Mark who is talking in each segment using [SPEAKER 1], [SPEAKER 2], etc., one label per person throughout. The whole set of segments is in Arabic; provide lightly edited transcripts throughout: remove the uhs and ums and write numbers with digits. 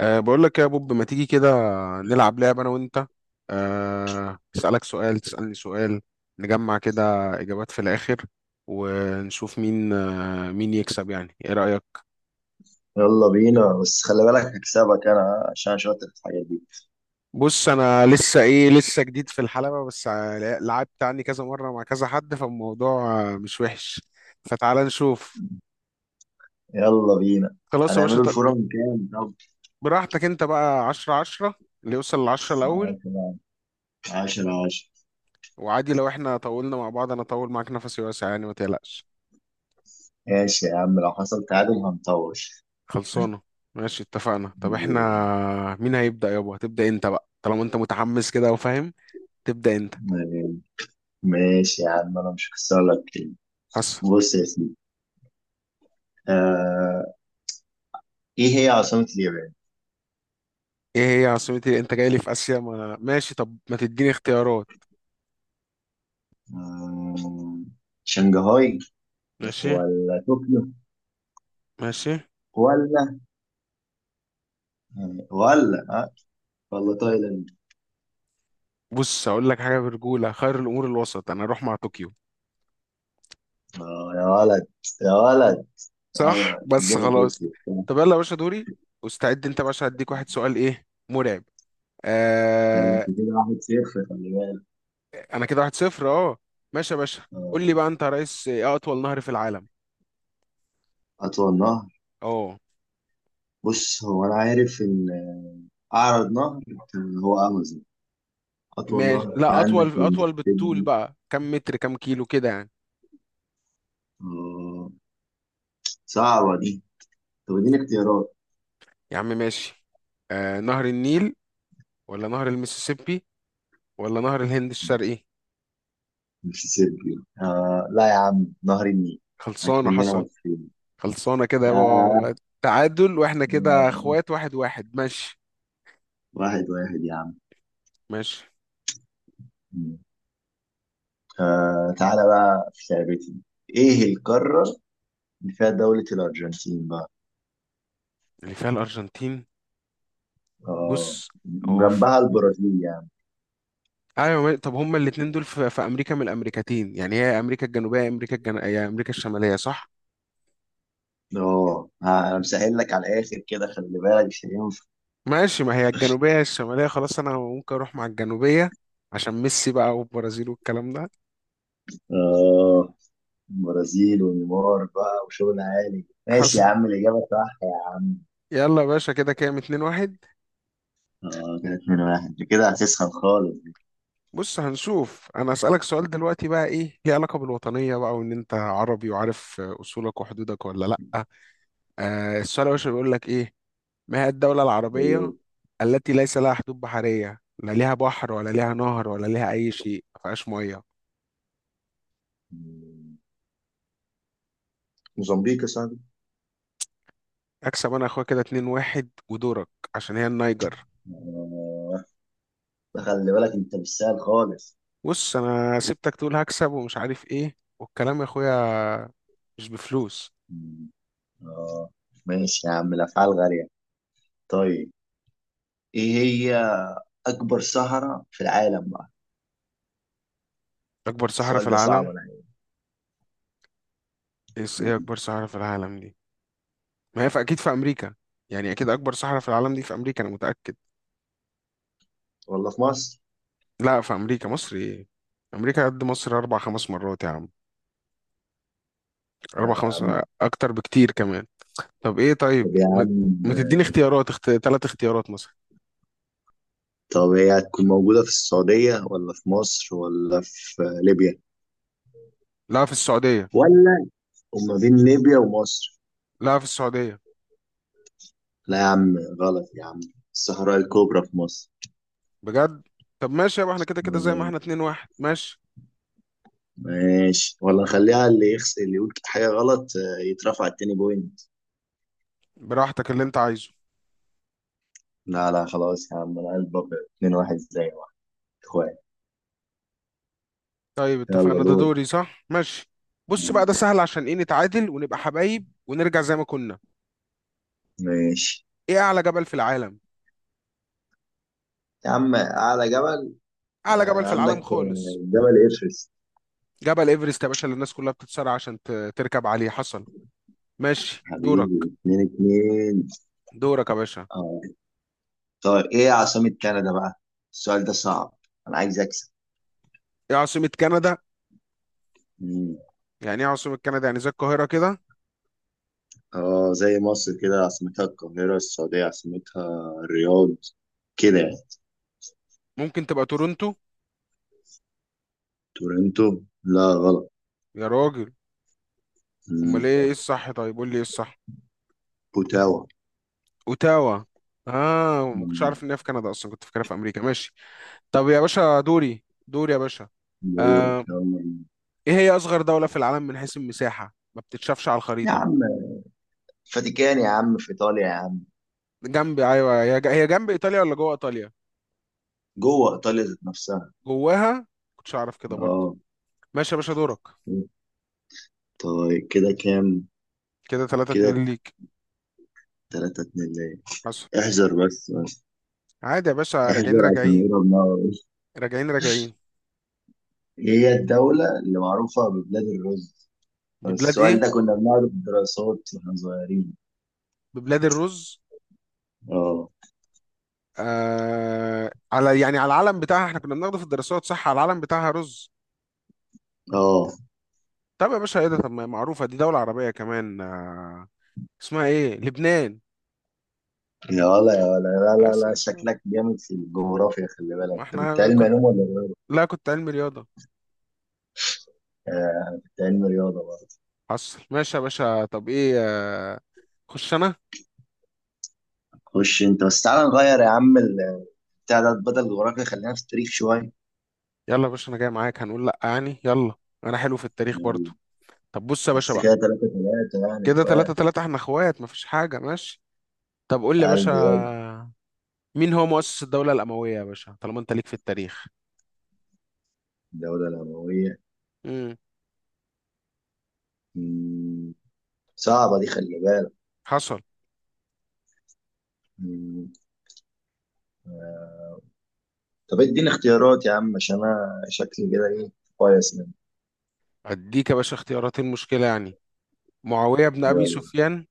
[SPEAKER 1] بقول لك يا بوب، ما تيجي كده نلعب لعبة أنا وأنت؟ أسألك سؤال، تسألني سؤال، نجمع كده إجابات في الآخر ونشوف مين، مين يكسب. يعني إيه رأيك؟
[SPEAKER 2] يلا بينا، بس خلي بالك هكسبك انا عشان شاطر في الحاجات دي.
[SPEAKER 1] بص أنا لسه لسه جديد في الحلبة، بس لعبت عني كذا مرة مع كذا حد، فالموضوع مش وحش. فتعال نشوف.
[SPEAKER 2] يلا بينا.
[SPEAKER 1] خلاص يا باشا،
[SPEAKER 2] هنعمله الفورم كام طب؟
[SPEAKER 1] براحتك أنت بقى. عشرة عشرة، اللي يوصل لعشرة الأول.
[SPEAKER 2] 10 10 10.
[SPEAKER 1] وعادي لو إحنا طولنا مع بعض، أنا أطول معاك، نفسي واسع يعني، ما تقلقش.
[SPEAKER 2] ماشي يا عم، لو حصل تعادل هنطور.
[SPEAKER 1] خلصانة. ماشي اتفقنا. طب
[SPEAKER 2] م-
[SPEAKER 1] احنا مين هيبدأ؟ يابا هتبدأ انت بقى، طالما انت متحمس كده وفاهم، تبدأ انت.
[SPEAKER 2] ماشي يا عم انا مش هكسر لك كلمة.
[SPEAKER 1] حس.
[SPEAKER 2] بص يا سيدي. آه ايه هي عاصمة اليابان؟
[SPEAKER 1] ايه هي عاصمة ايه؟ انت جاي لي في آسيا؟ ما أنا- ماشي، طب ما تديني اختيارات.
[SPEAKER 2] آه شنغهاي،
[SPEAKER 1] ماشي.
[SPEAKER 2] ولا طوكيو،
[SPEAKER 1] ماشي.
[SPEAKER 2] ولا ولا ولا تايلاند.
[SPEAKER 1] بص هقول لك حاجة، برجولة خير الأمور الوسط، انا اروح مع طوكيو.
[SPEAKER 2] يا ولد، يا ولد.
[SPEAKER 1] صح،
[SPEAKER 2] ايوه
[SPEAKER 1] بس
[SPEAKER 2] جبل
[SPEAKER 1] خلاص.
[SPEAKER 2] روكي بتاع.
[SPEAKER 1] طب يلا يا باشا دوري، واستعد انت يا باشا، هديك واحد سؤال ايه مرعب.
[SPEAKER 2] بس
[SPEAKER 1] آه.
[SPEAKER 2] كده 1-0، خلي بالك.
[SPEAKER 1] انا كده واحد صفر، اه. ماشي يا باشا. قول لي
[SPEAKER 2] آم،
[SPEAKER 1] بقى انت يا ريس، ايه أطول نهر في العالم؟
[SPEAKER 2] اطول نهر.
[SPEAKER 1] اه
[SPEAKER 2] بص هو انا عارف ان، اعرض نهر، كان هو امازون. اطول
[SPEAKER 1] ماشي.
[SPEAKER 2] نهر في
[SPEAKER 1] لا
[SPEAKER 2] عندك
[SPEAKER 1] اطول، اطول بالطول
[SPEAKER 2] المسيسيبي.
[SPEAKER 1] بقى، كم متر كم كيلو كده يعني.
[SPEAKER 2] آه، صعبه دي. طب اديني اختيارات.
[SPEAKER 1] يا عم ماشي. نهر النيل، ولا نهر المسيسيبي، ولا نهر الهند الشرقي.
[SPEAKER 2] المسيسيبي. لا يا عم، نهر النيل.
[SPEAKER 1] خلصانه
[SPEAKER 2] اكملنا
[SPEAKER 1] حصل.
[SPEAKER 2] مصريين.
[SPEAKER 1] خلصانه كده
[SPEAKER 2] آه
[SPEAKER 1] يابا، تعادل، واحنا كده اخوات، واحد واحد ماشي.
[SPEAKER 2] 1-1 يا عم.
[SPEAKER 1] ماشي.
[SPEAKER 2] تعالى بقى في لعبتي. ايه القارة اللي فيها دولة الارجنتين بقى؟
[SPEAKER 1] اللي فيها الارجنتين.
[SPEAKER 2] اه،
[SPEAKER 1] بص هو
[SPEAKER 2] جنبها البرازيل يعني.
[SPEAKER 1] ايوه، طب هما الاتنين دول في امريكا، من الامريكتين يعني، هي امريكا الجنوبيه، امريكا هي امريكا الشماليه صح.
[SPEAKER 2] اه، انا مسهل لك على الاخر كده، خلي بالك مش هينفع.
[SPEAKER 1] ماشي، ما هي الجنوبية الشمالية خلاص، أنا ممكن أروح مع الجنوبية، عشان ميسي بقى والبرازيل والكلام ده.
[SPEAKER 2] اه، برازيل ونيمار بقى وشغل عالي. ماشي
[SPEAKER 1] حصل.
[SPEAKER 2] يا عم، الاجابه صح يا عم.
[SPEAKER 1] يلا يا باشا، كده كام، اتنين واحد.
[SPEAKER 2] اه، كده 2-1، انت كده هتسخن خالص.
[SPEAKER 1] بص هنشوف، أنا أسألك سؤال دلوقتي بقى، إيه ليه علاقة بالوطنية بقى، وإن أنت عربي وعارف أصولك وحدودك ولا لأ. السؤال يا باشا بيقول لك إيه: ما هي الدولة
[SPEAKER 2] أوه.
[SPEAKER 1] العربية التي ليس لها حدود بحرية، لا ليها بحر ولا ليها نهر ولا ليها أي شيء، ما فيهاش مية؟
[SPEAKER 2] موزمبيق يا صاحبي.
[SPEAKER 1] أكسب أنا يا أخويا، كده اتنين واحد ودورك، عشان هي النيجر.
[SPEAKER 2] اه، ده خلي بالك، انت مش سهل خالص.
[SPEAKER 1] بص انا سبتك تقول هكسب ومش عارف ايه والكلام، يا اخويا مش بفلوس.
[SPEAKER 2] مم. اه، ماشي يا عم، الافعال غاليه. طيب، ايه هي اكبر صحراء في العالم بقى؟
[SPEAKER 1] اكبر صحراء في
[SPEAKER 2] السؤال ده صعب.
[SPEAKER 1] العالم.
[SPEAKER 2] انا
[SPEAKER 1] ايه
[SPEAKER 2] عارف
[SPEAKER 1] اكبر صحراء في العالم دي؟ ما هي في اكيد في امريكا يعني، اكيد اكبر صحراء في العالم دي في امريكا، انا متاكد.
[SPEAKER 2] والله، في مصر.
[SPEAKER 1] لا في امريكا، مصر ايه، امريكا قد مصر اربع خمس مرات يا عم.
[SPEAKER 2] لا
[SPEAKER 1] اربع
[SPEAKER 2] يا
[SPEAKER 1] خمس،
[SPEAKER 2] عم.
[SPEAKER 1] اكتر بكتير كمان. طب ايه، طيب
[SPEAKER 2] طب يا عم.
[SPEAKER 1] ما تديني اختيارات؟ ثلاث اختيارات مثلا.
[SPEAKER 2] طب هي هتكون موجودة في السعودية ولا في مصر ولا في ليبيا،
[SPEAKER 1] لا في السعوديه.
[SPEAKER 2] ولا وما بين ليبيا ومصر؟
[SPEAKER 1] لا في السعوديه.
[SPEAKER 2] لا يا عم، غلط يا عم. الصحراء الكبرى في مصر.
[SPEAKER 1] بجد؟ طب ماشي يابا، احنا كده كده زي ما
[SPEAKER 2] آه،
[SPEAKER 1] احنا، اتنين واحد ماشي.
[SPEAKER 2] ماشي، ولا نخليها اللي يخس اللي يقول حاجة غلط يترفع التاني بوينت؟
[SPEAKER 1] براحتك اللي انت عايزه.
[SPEAKER 2] لا، لا، خلاص يا عم، انا قلب أبيض. 2-1 زي واحد، اخوان.
[SPEAKER 1] طيب اتفقنا،
[SPEAKER 2] يلا
[SPEAKER 1] ده
[SPEAKER 2] دور.
[SPEAKER 1] دوري صح؟ ماشي. بص
[SPEAKER 2] آه،
[SPEAKER 1] بقى، ده سهل عشان ايه، نتعادل ونبقى حبايب ونرجع زي ما كنا.
[SPEAKER 2] ماشي
[SPEAKER 1] ايه اعلى جبل في العالم؟
[SPEAKER 2] يا عم، أعلى جبل.
[SPEAKER 1] اعلى جبل في
[SPEAKER 2] عندك
[SPEAKER 1] العالم خالص.
[SPEAKER 2] جبل إيفرست.
[SPEAKER 1] جبل ايفرست يا باشا، اللي الناس كلها بتتصارع عشان تركب عليه. حصل. ماشي دورك.
[SPEAKER 2] حبيبي، 2-2.
[SPEAKER 1] دورك يا باشا.
[SPEAKER 2] اه، طيب ايه عاصمة كندا بقى؟ السؤال ده صعب، انا عايز اكسب.
[SPEAKER 1] ايه عاصمة كندا؟
[SPEAKER 2] مم.
[SPEAKER 1] يعني ايه عاصمة كندا، يعني زي القاهرة كده.
[SPEAKER 2] اه، زي مصر كده عاصمتها القاهرة، السعودية عاصمتها الرياض، كده يعني.
[SPEAKER 1] ممكن تبقى تورونتو.
[SPEAKER 2] تورنتو. لا، غلط.
[SPEAKER 1] يا راجل. امال
[SPEAKER 2] مم.
[SPEAKER 1] ايه، الصح؟ طيب قول لي ايه الصح.
[SPEAKER 2] بوتاوا.
[SPEAKER 1] اوتاوا. اه، ما كنتش
[SPEAKER 2] مم.
[SPEAKER 1] عارف ان هي في كندا اصلا، كنت فاكرها في امريكا. ماشي. طب يا باشا دوري، دوري يا باشا.
[SPEAKER 2] دورك،
[SPEAKER 1] آه،
[SPEAKER 2] يلا.
[SPEAKER 1] ايه هي اصغر دولة في العالم من حيث المساحة، ما بتتشافش على
[SPEAKER 2] يا
[SPEAKER 1] الخريطة؟
[SPEAKER 2] عم فاتيكان يا عم، في ايطاليا يا عم.
[SPEAKER 1] جنب، ايوه هي هي جنب ايطاليا ولا جوه ايطاليا؟
[SPEAKER 2] جوه ايطاليا ذات نفسها.
[SPEAKER 1] جواها. كنتش اعرف كده برضه.
[SPEAKER 2] اه.
[SPEAKER 1] ماشي يا باشا دورك.
[SPEAKER 2] طيب، كده كام؟
[SPEAKER 1] كده 3
[SPEAKER 2] كده
[SPEAKER 1] 2 ليك.
[SPEAKER 2] 3-2 ليه.
[SPEAKER 1] حصل.
[SPEAKER 2] احذر بس بس.
[SPEAKER 1] عادي يا باشا، راجعين
[SPEAKER 2] احذر عشان
[SPEAKER 1] راجعين،
[SPEAKER 2] نقرب نار.
[SPEAKER 1] راجعين راجعين.
[SPEAKER 2] هي الدولة اللي معروفة ببلاد الرز.
[SPEAKER 1] ببلاد
[SPEAKER 2] السؤال
[SPEAKER 1] ايه؟
[SPEAKER 2] ده كنا بنقعد في الدراسات واحنا صغيرين.
[SPEAKER 1] ببلاد الرز.
[SPEAKER 2] اه.
[SPEAKER 1] آه على، يعني على العلم بتاعها، احنا كنا بناخده في الدراسات صح، على العلم بتاعها رز.
[SPEAKER 2] اه،
[SPEAKER 1] طب يا باشا ايه ده، طب ما هي معروفة، دي دولة عربية كمان آه، اسمها ايه؟ لبنان.
[SPEAKER 2] يا ولا يا ولا، لا لا
[SPEAKER 1] بس
[SPEAKER 2] لا،
[SPEAKER 1] عشان-
[SPEAKER 2] شكلك جامد في الجغرافيا. خلي بالك،
[SPEAKER 1] ما
[SPEAKER 2] انت كنت
[SPEAKER 1] احنا
[SPEAKER 2] علم
[SPEAKER 1] كن...
[SPEAKER 2] علوم ولا إيه؟
[SPEAKER 1] لا كنت علمي رياضة.
[SPEAKER 2] آه، أنا كنت علم رياضة برضه.
[SPEAKER 1] حصل. ماشي يا باشا، طب ايه، خش انا.
[SPEAKER 2] خش انت، بس تعالى نغير يا عم بتاع ده، بدل الجغرافيا خلينا في التاريخ شوية.
[SPEAKER 1] يلا يا باشا، انا جاي معاك، هنقول لا يعني، يلا. انا حلو في التاريخ برضو.
[SPEAKER 2] يلا.
[SPEAKER 1] طب بص يا باشا
[SPEAKER 2] بس
[SPEAKER 1] بقى،
[SPEAKER 2] كده 3-3 يعني
[SPEAKER 1] كده تلاتة
[SPEAKER 2] بقى.
[SPEAKER 1] تلاتة، احنا اخوات، مفيش حاجة ماشي. طب قول لي يا
[SPEAKER 2] قلبي يلا.
[SPEAKER 1] باشا، مين هو مؤسس الدولة الأموية يا باشا، طالما انت ليك في التاريخ؟
[SPEAKER 2] الدولة الأموية.
[SPEAKER 1] امم
[SPEAKER 2] مم. صعبة دي، خلي بالك.
[SPEAKER 1] حصل.
[SPEAKER 2] مم. آه. طب اديني اختيارات يا عم، عشان انا شكلي كده ايه كويس منه.
[SPEAKER 1] اديك يا باشا اختياراتين، مشكلة يعني. معاوية بن أبي
[SPEAKER 2] يلا.
[SPEAKER 1] سفيان،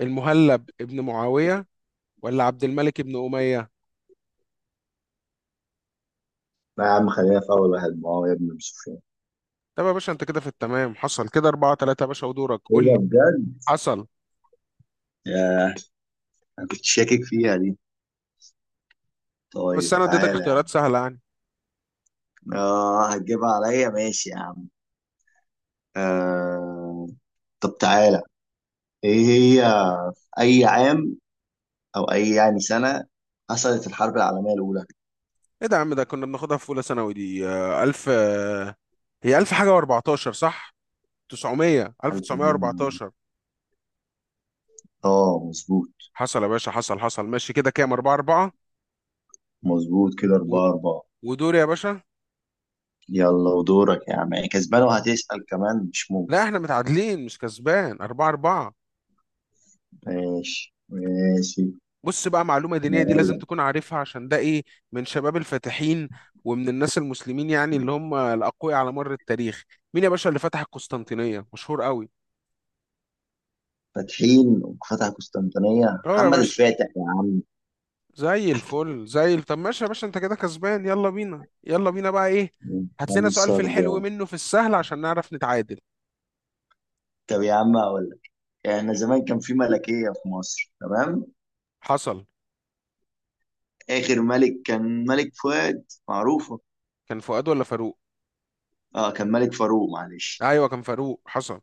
[SPEAKER 1] المهلب ابن معاوية، ولا عبد الملك ابن أمية.
[SPEAKER 2] لا يا عم، خلينا في اول واحد، ما هو يا ابن سفيان.
[SPEAKER 1] طب يا باشا انت كده في التمام، حصل، كده أربعة تلاتة يا باشا، ودورك
[SPEAKER 2] ايه
[SPEAKER 1] قول
[SPEAKER 2] ده
[SPEAKER 1] لي.
[SPEAKER 2] بجد.
[SPEAKER 1] حصل.
[SPEAKER 2] ياه. انا كنت شاكك فيها دي. طيب
[SPEAKER 1] بس انا اديتك
[SPEAKER 2] تعالى يا عم.
[SPEAKER 1] اختيارات سهلة يعني.
[SPEAKER 2] اه، هتجيبها عليا، ماشي يا عم. آه طب تعالى، ايه هي في اي عام او اي يعني سنة حصلت الحرب العالمية الاولى؟
[SPEAKER 1] ايه ده يا عم، ده كنا بناخدها في اولى ثانوي دي. الف هي الف حاجه و14 صح، 900
[SPEAKER 2] الحرب العالمية الأولى.
[SPEAKER 1] 1914.
[SPEAKER 2] اه، مظبوط.
[SPEAKER 1] حصل يا باشا، حصل ماشي، كده كام، 4 4.
[SPEAKER 2] مظبوط، كده 4-4.
[SPEAKER 1] ودور يا باشا.
[SPEAKER 2] يلا ودورك يا عم، يعني كسبان وهتسأل كمان؟ مش ممكن.
[SPEAKER 1] لا احنا متعادلين مش كسبان، 4 4.
[SPEAKER 2] ماشي ماشي.
[SPEAKER 1] بص بقى معلومه دينيه، دي لازم
[SPEAKER 2] مرايا.
[SPEAKER 1] تكون عارفها، عشان ده ايه، من شباب الفاتحين، ومن الناس المسلمين يعني، اللي هم الاقوياء على مر التاريخ. مين يا باشا اللي فتح القسطنطينيه؟ مشهور قوي.
[SPEAKER 2] فاتحين وفتح قسطنطينية،
[SPEAKER 1] اه يا
[SPEAKER 2] محمد
[SPEAKER 1] باشا،
[SPEAKER 2] الفاتح يا عم.
[SPEAKER 1] زي الفل، زي طب ماشي يا باشا، انت كده كسبان. يلا بينا يلا بينا، بقى ايه.
[SPEAKER 2] من
[SPEAKER 1] هات لنا سؤال
[SPEAKER 2] خمسة
[SPEAKER 1] في الحلو
[SPEAKER 2] أربعة
[SPEAKER 1] منه، في السهل، عشان نعرف نتعادل.
[SPEAKER 2] طب يا عم هقول لك. احنا زمان كان في ملكية في مصر، تمام؟
[SPEAKER 1] حصل.
[SPEAKER 2] آخر ملك كان ملك فؤاد، معروفة.
[SPEAKER 1] كان فؤاد ولا فاروق؟
[SPEAKER 2] اه، كان ملك فاروق، معلش.
[SPEAKER 1] ايوه كان فاروق، حصل.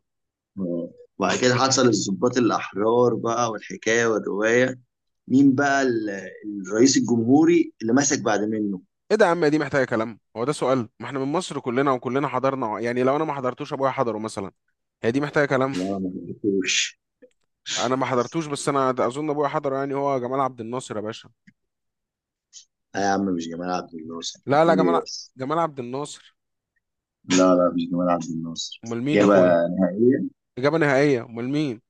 [SPEAKER 2] آه. وبعد كده حصل الضباط الأحرار بقى والحكاية والرواية. مين بقى الرئيس الجمهوري اللي مسك بعد منه؟
[SPEAKER 1] ايه ده يا عم، دي محتاجه كلام، هو ده سؤال؟ ما احنا من مصر كلنا، وكلنا حضرنا يعني، لو انا ما حضرتوش ابويا حضره مثلا. هي دي محتاجه كلام.
[SPEAKER 2] لا، ما حبيتهوش.
[SPEAKER 1] انا ما حضرتوش، بس انا اظن ابويا حضره يعني، هو جمال عبد الناصر يا باشا.
[SPEAKER 2] يا عم مش جمال عبد الناصر،
[SPEAKER 1] لا لا،
[SPEAKER 2] بتقول ايه بس.
[SPEAKER 1] جمال عبد الناصر.
[SPEAKER 2] لا لا، مش جمال عبد الناصر.
[SPEAKER 1] امال مين يا
[SPEAKER 2] إجابة
[SPEAKER 1] اخويا؟
[SPEAKER 2] نهائية.
[SPEAKER 1] اجابه نهائيه، امال مين؟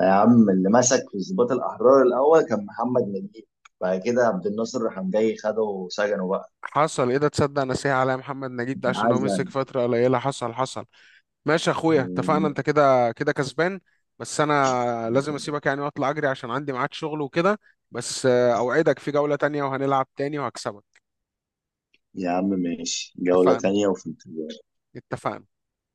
[SPEAKER 2] يا عم اللي مسك في الضباط الأحرار الأول كان محمد نجيب، بعد كده عبد الناصر راح جاي خده وسجنه بقى.
[SPEAKER 1] حصل، ايه ده، تصدق نسيها عليا، محمد نجيب ده عشان هو مسك
[SPEAKER 2] عزل.
[SPEAKER 1] فترة قليلة. حصل حصل. ماشي يا اخويا اتفقنا، انت كده كده كسبان. بس انا لازم اسيبك يعني واطلع اجري، عشان عندي ميعاد شغل وكده. بس اوعدك في جولة تانية، وهنلعب تاني وهكسبك.
[SPEAKER 2] يا عم ماشي، جولة
[SPEAKER 1] اتفقنا.
[SPEAKER 2] تانية وفي انتظار.
[SPEAKER 1] اتفقنا.